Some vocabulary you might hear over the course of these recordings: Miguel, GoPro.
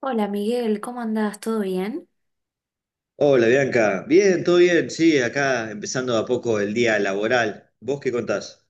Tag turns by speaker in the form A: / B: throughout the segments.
A: Hola Miguel, ¿cómo andás? ¿Todo bien?
B: Hola Bianca, bien, todo bien, sí, acá empezando de a poco el día laboral. ¿Vos qué contás?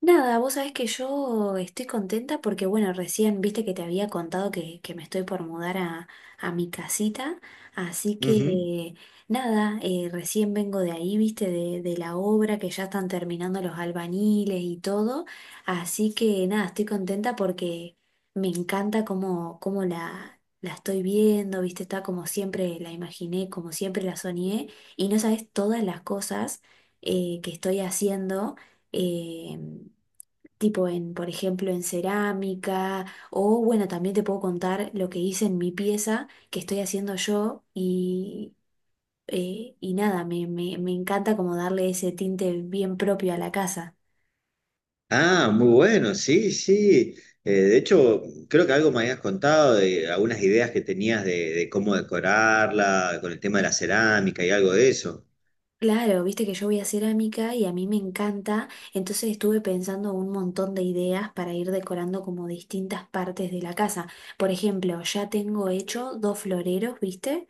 A: Nada, vos sabés que yo estoy contenta porque, bueno, recién viste que te había contado que me estoy por mudar a mi casita, así
B: Ujú.
A: que nada, recién vengo de ahí, viste, de la obra que ya están terminando los albañiles y todo, así que nada, estoy contenta porque me encanta cómo la estoy viendo, viste, está como siempre la imaginé, como siempre la soñé, y no sabés todas las cosas que estoy haciendo. eh, tipo por ejemplo, en cerámica, o bueno, también te puedo contar lo que hice en mi pieza que estoy haciendo yo y nada, me encanta como darle ese tinte bien propio a la casa.
B: Ah, muy bueno, sí, sí. De hecho, creo que algo me habías contado de algunas ideas que tenías de cómo decorarla, con el tema de la cerámica y algo de eso.
A: Claro, viste que yo voy a cerámica y a mí me encanta, entonces estuve pensando un montón de ideas para ir decorando como distintas partes de la casa. Por ejemplo, ya tengo hecho dos floreros, ¿viste?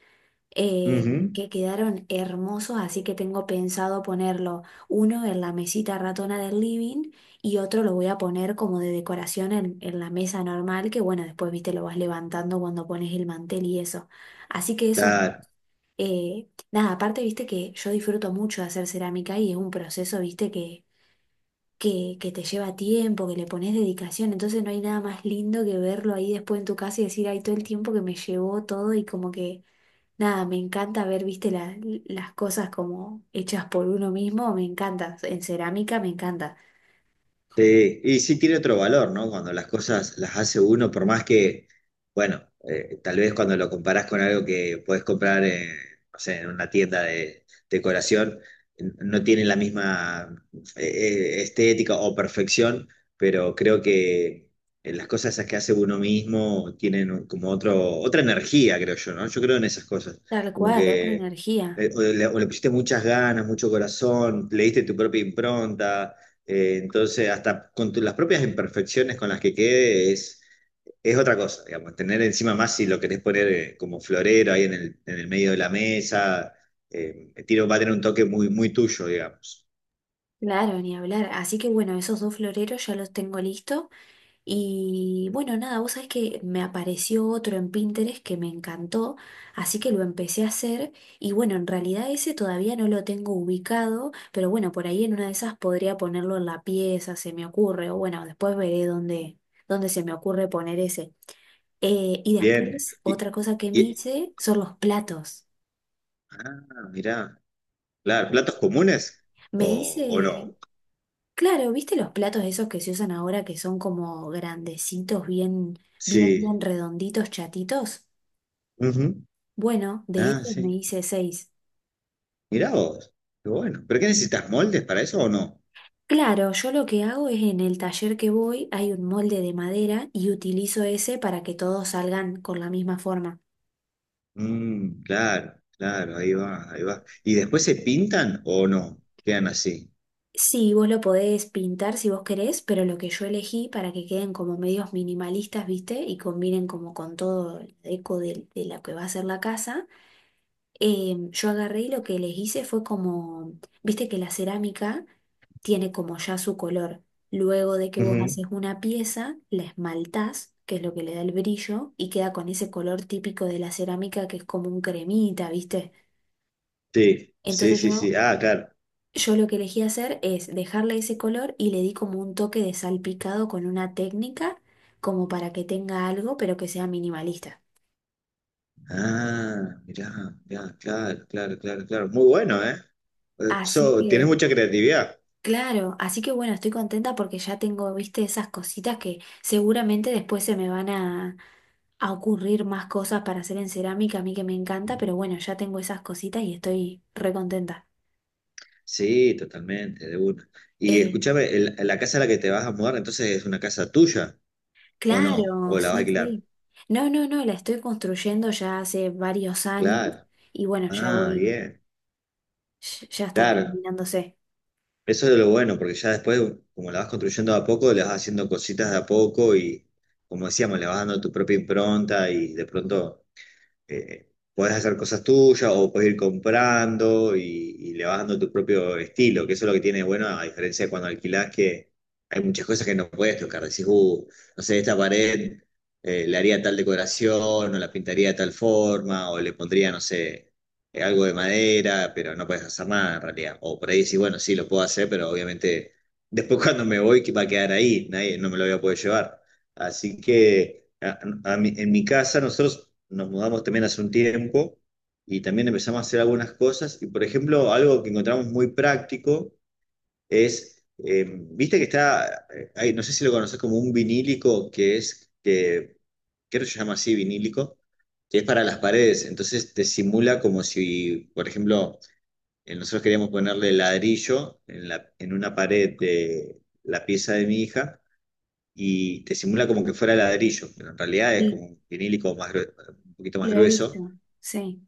B: Ujú.
A: Que quedaron hermosos, así que tengo pensado ponerlo uno en la mesita ratona del living y otro lo voy a poner como de decoración en la mesa normal, que bueno, después, viste, lo vas levantando cuando pones el mantel y eso. Así que eso,
B: Claro.
A: nada, aparte, viste que yo disfruto mucho de hacer cerámica y es un proceso, viste, que... Que te lleva tiempo, que le pones dedicación, entonces no hay nada más lindo que verlo ahí después en tu casa y decir, ay, todo el tiempo que me llevó todo y como que nada, me encanta ver, viste, las cosas como hechas por uno mismo, me encanta. En cerámica me encanta.
B: Sí, y sí tiene otro valor, ¿no? Cuando las cosas las hace uno, por más que, bueno, tal vez cuando lo comparás con algo que puedes comprar, no sé, en una tienda de decoración, no tiene la misma estética o perfección, pero creo que las cosas esas que hace uno mismo tienen como otro, otra energía, creo yo, ¿no? Yo creo en esas cosas,
A: Tal
B: como
A: cual, otra
B: que
A: energía.
B: o le pusiste muchas ganas, mucho corazón, le diste tu propia impronta, entonces, hasta con las propias imperfecciones con las que quede es otra cosa, digamos, tener encima más si lo querés poner como florero ahí en en el medio de la mesa, el tiro va a tener un toque muy, muy tuyo, digamos.
A: Claro, ni hablar. Así que bueno, esos dos floreros ya los tengo listo. Y bueno, nada, vos sabés que me apareció otro en Pinterest que me encantó, así que lo empecé a hacer. Y bueno, en realidad ese todavía no lo tengo ubicado, pero bueno, por ahí en una de esas podría ponerlo en la pieza, se me ocurre, o bueno, después veré dónde se me ocurre poner ese. Y
B: Bien.
A: después, otra cosa que me
B: Y-
A: hice son los platos.
B: ah, mirá, claro, platos comunes o,
A: Me
B: o no.
A: hice, claro, ¿Viste los platos esos que se usan ahora que son como grandecitos,
B: Sí.
A: bien redonditos, chatitos?
B: Ujú.
A: Bueno, de
B: Ah,
A: esos me
B: sí.
A: hice seis.
B: Mirá vos, qué bueno. ¿Pero qué necesitas moldes para eso o no?
A: Claro, yo lo que hago es en el taller que voy hay un molde de madera y utilizo ese para que todos salgan con la misma forma.
B: Mm, claro, claro, ahí va, ahí va. ¿Y después se pintan o no? Quedan así.
A: Sí, vos lo podés pintar si vos querés, pero lo que yo elegí para que queden como medios minimalistas, ¿viste? Y combinen como con todo el eco de lo que va a ser la casa. Yo agarré y lo que les hice fue como, viste que la cerámica tiene como ya su color. Luego de que vos
B: Ujú.
A: haces una pieza, la esmaltás, que es lo que le da el brillo, y queda con ese color típico de la cerámica que es como un cremita, ¿viste?
B: Sí, sí,
A: Entonces
B: sí, sí.
A: yo
B: Ah, claro.
A: yo lo que elegí hacer es dejarle ese color y le di como un toque de salpicado con una técnica como para que tenga algo, pero que sea minimalista.
B: Ah, mirá, mirá, claro, claro, claro, claro. Muy bueno, ¿eh? Eh,
A: Así
B: So, tienes
A: que,
B: mucha creatividad.
A: claro, así que bueno, estoy contenta porque ya tengo, viste, esas cositas que seguramente después se me van a ocurrir más cosas para hacer en cerámica, a mí que me encanta, pero bueno, ya tengo esas cositas y estoy re contenta.
B: Sí, totalmente, de una. Y
A: Eh,
B: escúchame, la casa a la que te vas a mudar, entonces es una casa tuya, ¿o no?
A: claro,
B: ¿O la vas a
A: sí,
B: alquilar?
A: sí. No, no, no, la estoy construyendo ya hace varios años.
B: Claro.
A: Y bueno, ya
B: Ah,
A: voy.
B: bien.
A: Ya está
B: Claro.
A: terminándose.
B: Eso es lo bueno, porque ya después, como la vas construyendo de a poco, le vas haciendo cositas de a poco y, como decíamos, le vas dando tu propia impronta y de pronto eh, podés hacer cosas tuyas o podés ir comprando y le vas dando tu propio estilo, que eso es lo que tiene de bueno, a diferencia de cuando alquilás, que hay muchas cosas que no puedes tocar. Decís, no sé, esta pared le haría tal decoración, o la pintaría de tal forma, o le pondría, no sé, algo de madera, pero no puedes hacer nada en realidad. O por ahí decís, bueno, sí, lo puedo hacer, pero obviamente después cuando me voy, ¿qué va a quedar ahí? Nadie, no me lo voy a poder llevar. Así que en mi casa nosotros nos mudamos también hace un tiempo y también empezamos a hacer algunas cosas. Y por ejemplo, algo que encontramos muy práctico es, viste que está, no sé si lo conoces como un vinílico que creo que se llama así vinílico, que es para las paredes. Entonces te simula como si, por ejemplo, nosotros queríamos ponerle ladrillo en en una pared de la pieza de mi hija y te simula como que fuera ladrillo, pero en realidad es
A: Sí,
B: como un vinílico más un poquito más
A: lo he
B: grueso.
A: visto. Sí,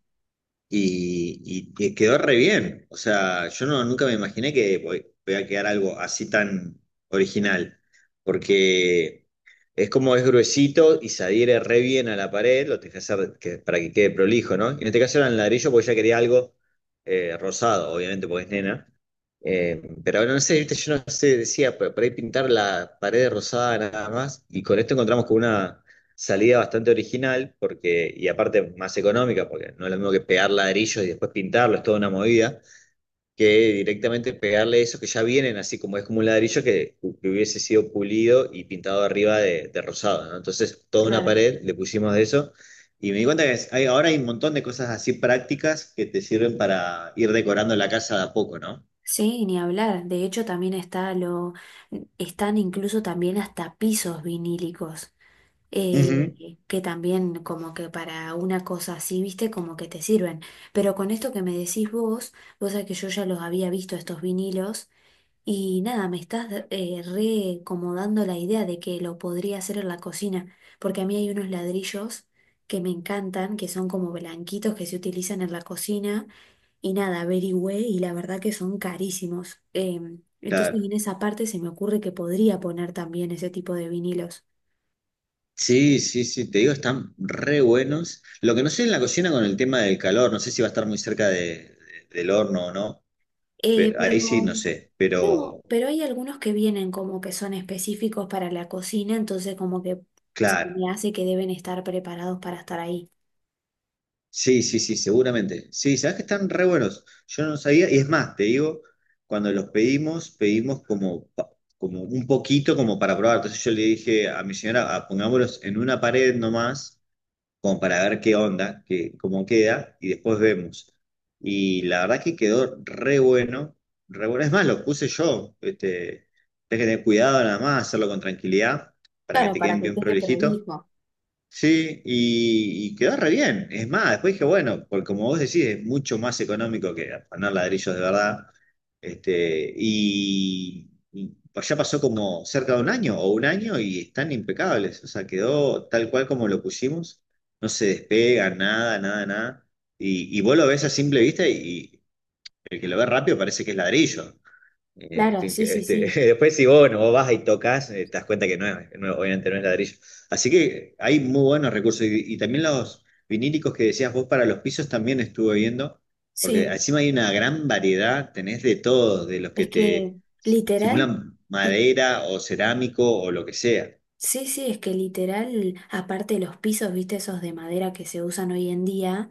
B: Y que quedó re bien. O sea, yo no, nunca me imaginé que voy, voy a quedar algo así tan original. Porque es como es gruesito y se adhiere re bien a la pared, lo tenés que hacer para que quede prolijo, ¿no? Y en este caso era en ladrillo porque ya quería algo rosado, obviamente, porque es nena. Pero no sé, viste, yo no sé, decía, por ahí pintar la pared rosada nada más. Y con esto encontramos con una salida bastante original, porque, y aparte más económica, porque no es lo mismo que pegar ladrillos y después pintarlo, es toda una movida, que directamente pegarle eso que ya vienen así como es como un ladrillo que hubiese sido pulido y pintado arriba de rosado, ¿no? Entonces, toda una
A: claro.
B: pared le pusimos de eso. Y me di cuenta que ahora hay un montón de cosas así prácticas que te sirven para ir decorando la casa de a poco, ¿no?
A: Sí, ni hablar. De hecho, también está lo, están incluso también hasta pisos vinílicos,
B: Ujú.
A: que también como que para una cosa así, viste, como que te sirven. Pero con esto que me decís vos, vos sabés que yo ya los había visto estos vinilos. Y nada, me estás re como dando la idea de que lo podría hacer en la cocina, porque a mí hay unos ladrillos que me encantan, que son como blanquitos que se utilizan en la cocina, y nada, averigüé y la verdad que son carísimos. Entonces
B: Claro.
A: en esa parte se me ocurre que podría poner también ese tipo de vinilos.
B: Sí, sí, sí, te digo, están re buenos. Lo que no sé en la cocina con el tema del calor, no sé si va a estar muy cerca del horno o no.
A: Pero
B: Ahí sí, no sé,
A: no,
B: pero
A: pero hay algunos que vienen como que son específicos para la cocina, entonces como que se
B: claro.
A: me hace que deben estar preparados para estar ahí.
B: Sí, sí, sí, seguramente. Sí, sabes que están re buenos. Yo no sabía, y es más, te digo, cuando los pedimos, pedimos como, como un poquito como para probar. Entonces yo le dije a mi señora, "Ah, pongámoslos en una pared nomás como para ver qué onda, qué, cómo queda, y después vemos". Y la verdad que quedó re bueno, re bueno. Es más, lo puse yo. Este, tenés que tener cuidado nada más, hacerlo con tranquilidad, para que
A: Claro,
B: te
A: para
B: queden
A: que
B: bien
A: quede
B: prolijito.
A: prolijo.
B: Sí, y quedó re bien. Es más, después dije, bueno, porque como vos decís, es mucho más económico que afanar ladrillos de verdad. Este, y ya pasó como cerca de un año o un año y están impecables. O sea, quedó tal cual como lo pusimos. No se despega, nada, nada, nada. Y vos lo ves a simple vista y el que lo ve rápido parece que es ladrillo.
A: Claro, sí, sí,
B: Este,
A: sí.
B: después si vos, no vos vas y tocas, te das cuenta que no es, obviamente no es ladrillo. Así que hay muy buenos recursos. Y también los vinílicos que decías vos para los pisos también estuve viendo, porque
A: Sí,
B: encima hay una gran variedad, tenés de todos, de los que
A: es que
B: te
A: literal,
B: simulan
A: li-
B: madera o cerámico o lo que sea.
A: sí, sí, es que literal, aparte de los pisos, viste, esos de madera que se usan hoy en día.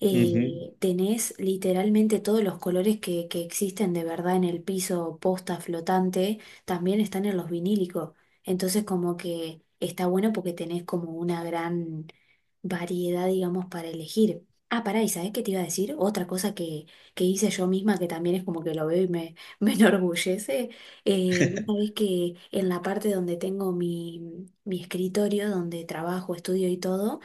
A: Tenés literalmente todos los colores que existen de verdad en el piso, posta, flotante, también están en los vinílicos. Entonces como que está bueno porque tenés como una gran variedad, digamos, para elegir. Ah, pará, ¿y sabés qué te iba a decir? Otra cosa que hice yo misma, que también es como que lo veo y me, me enorgullece. Vos sabés que en la parte donde tengo mi escritorio, donde trabajo, estudio y todo,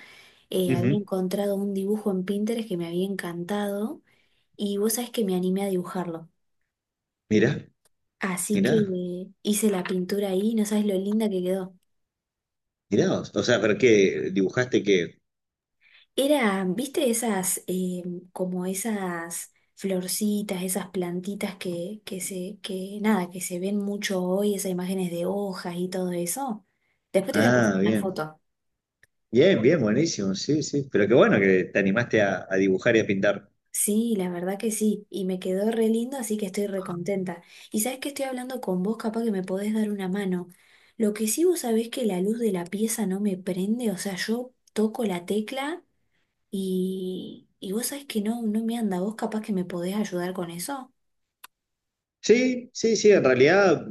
B: Ujú, ujú.
A: había encontrado un dibujo en Pinterest que me había encantado y vos sabés que me animé a dibujarlo.
B: Mirá,
A: Así
B: mirá,
A: que hice la pintura ahí, no sabes lo linda que quedó.
B: mirá vos. O sea, pero qué dibujaste qué.
A: Era, ¿viste esas, como esas florcitas, esas plantitas que nada, que se ven mucho hoy, esas imágenes de hojas y todo eso? Después te voy a pasar
B: Ah,
A: una
B: bien.
A: foto.
B: Bien, bien, buenísimo. Sí, sí. Pero qué bueno que te animaste a dibujar y a pintar.
A: Sí, la verdad que sí, y me quedó re lindo, así que estoy re contenta. Y sabes que estoy hablando con vos, capaz que me podés dar una mano. Lo que sí, vos sabés que la luz de la pieza no me prende, o sea, yo toco la tecla y vos sabés que no, no me anda. ¿Vos capaz que me podés ayudar con eso?
B: Sí, sí, sí, en realidad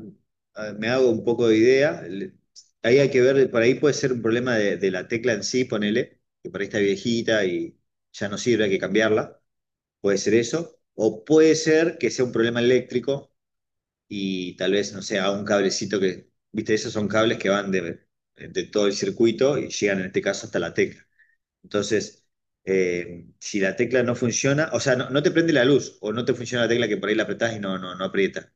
B: me hago un poco de idea. Ahí hay que ver, por ahí puede ser un problema de la tecla en sí, ponele, que por ahí está viejita y ya no sirve, hay que cambiarla. Puede ser eso. O puede ser que sea un problema eléctrico y tal vez, no sé, haga un cablecito que, viste, esos son cables que van de todo el circuito y llegan en este caso hasta la tecla. Entonces, si la tecla no funciona, o sea, no, no te prende la luz o no te funciona la tecla que por ahí la apretás y no, no, no aprieta.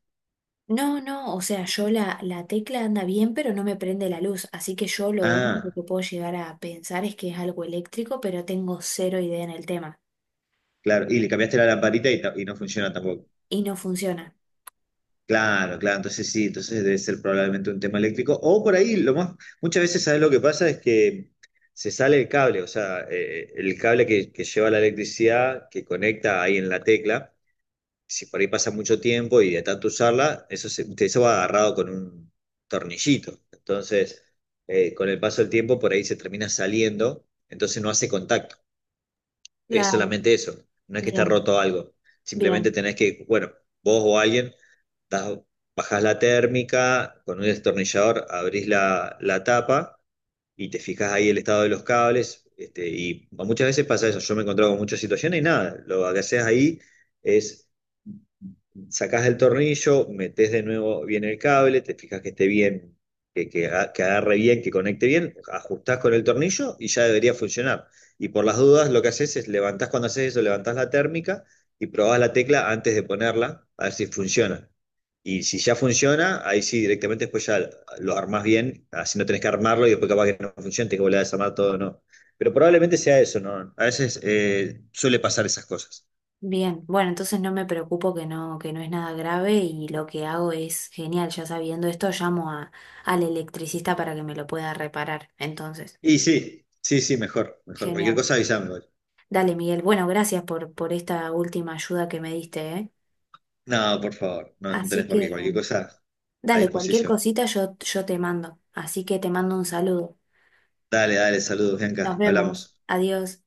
A: No, no, o sea, yo la tecla anda bien, pero no me prende la luz, así que yo lo único
B: Ah.
A: que puedo llegar a pensar es que es algo eléctrico, pero tengo cero idea en el tema
B: Claro, y le cambiaste la lamparita y, y no funciona tampoco.
A: y no funciona.
B: Claro, claro, entonces sí, entonces debe ser probablemente un tema eléctrico. O por ahí, lo más, muchas veces, ¿sabes lo que pasa? Es que se sale el cable, o sea, el cable que lleva la electricidad, que conecta ahí en la tecla, si por ahí pasa mucho tiempo y de tanto usarla, eso, se, eso va agarrado con un tornillito. Entonces, con el paso del tiempo, por ahí se termina saliendo, entonces no hace contacto. Es
A: Claro.
B: solamente eso. No es que está
A: Bien,
B: roto algo. Simplemente
A: bien.
B: tenés que, bueno, vos o alguien, das- bajás la térmica, con un destornillador abrís la tapa y te fijas ahí el estado de los cables. Este, y muchas veces pasa eso. Yo me he encontrado con muchas situaciones y nada, lo que haces ahí es sacás del tornillo, metés de nuevo bien el cable, te fijas que esté bien, que agarre bien, que conecte bien, ajustás con el tornillo y ya debería funcionar. Y por las dudas, lo que haces es levantás cuando haces eso, levantás la térmica y probás la tecla antes de ponerla, a ver si funciona. Y si ya funciona, ahí sí, directamente después ya lo armás bien, así no tenés que armarlo y después capaz que no funciona, tenés que volver a desarmar todo, ¿no? Pero probablemente sea eso, ¿no? A veces suele pasar esas cosas.
A: Bien, bueno, entonces no me preocupo que no es nada grave y lo que hago es genial, ya sabiendo esto, llamo a, al electricista para que me lo pueda reparar. Entonces,
B: Y sí, sí, sí, mejor, mejor. Cualquier
A: genial.
B: cosa avísame igual.
A: Dale, Miguel. Bueno, gracias por esta última ayuda que me diste, ¿eh?
B: No, por favor, no, no
A: Así
B: tenés por
A: que,
B: qué. Cualquier cosa a
A: dale, cualquier
B: disposición.
A: cosita yo te mando. Así que te mando un saludo.
B: Dale, dale, saludos,
A: Nos
B: Bianca.
A: vemos.
B: Hablamos.
A: Adiós.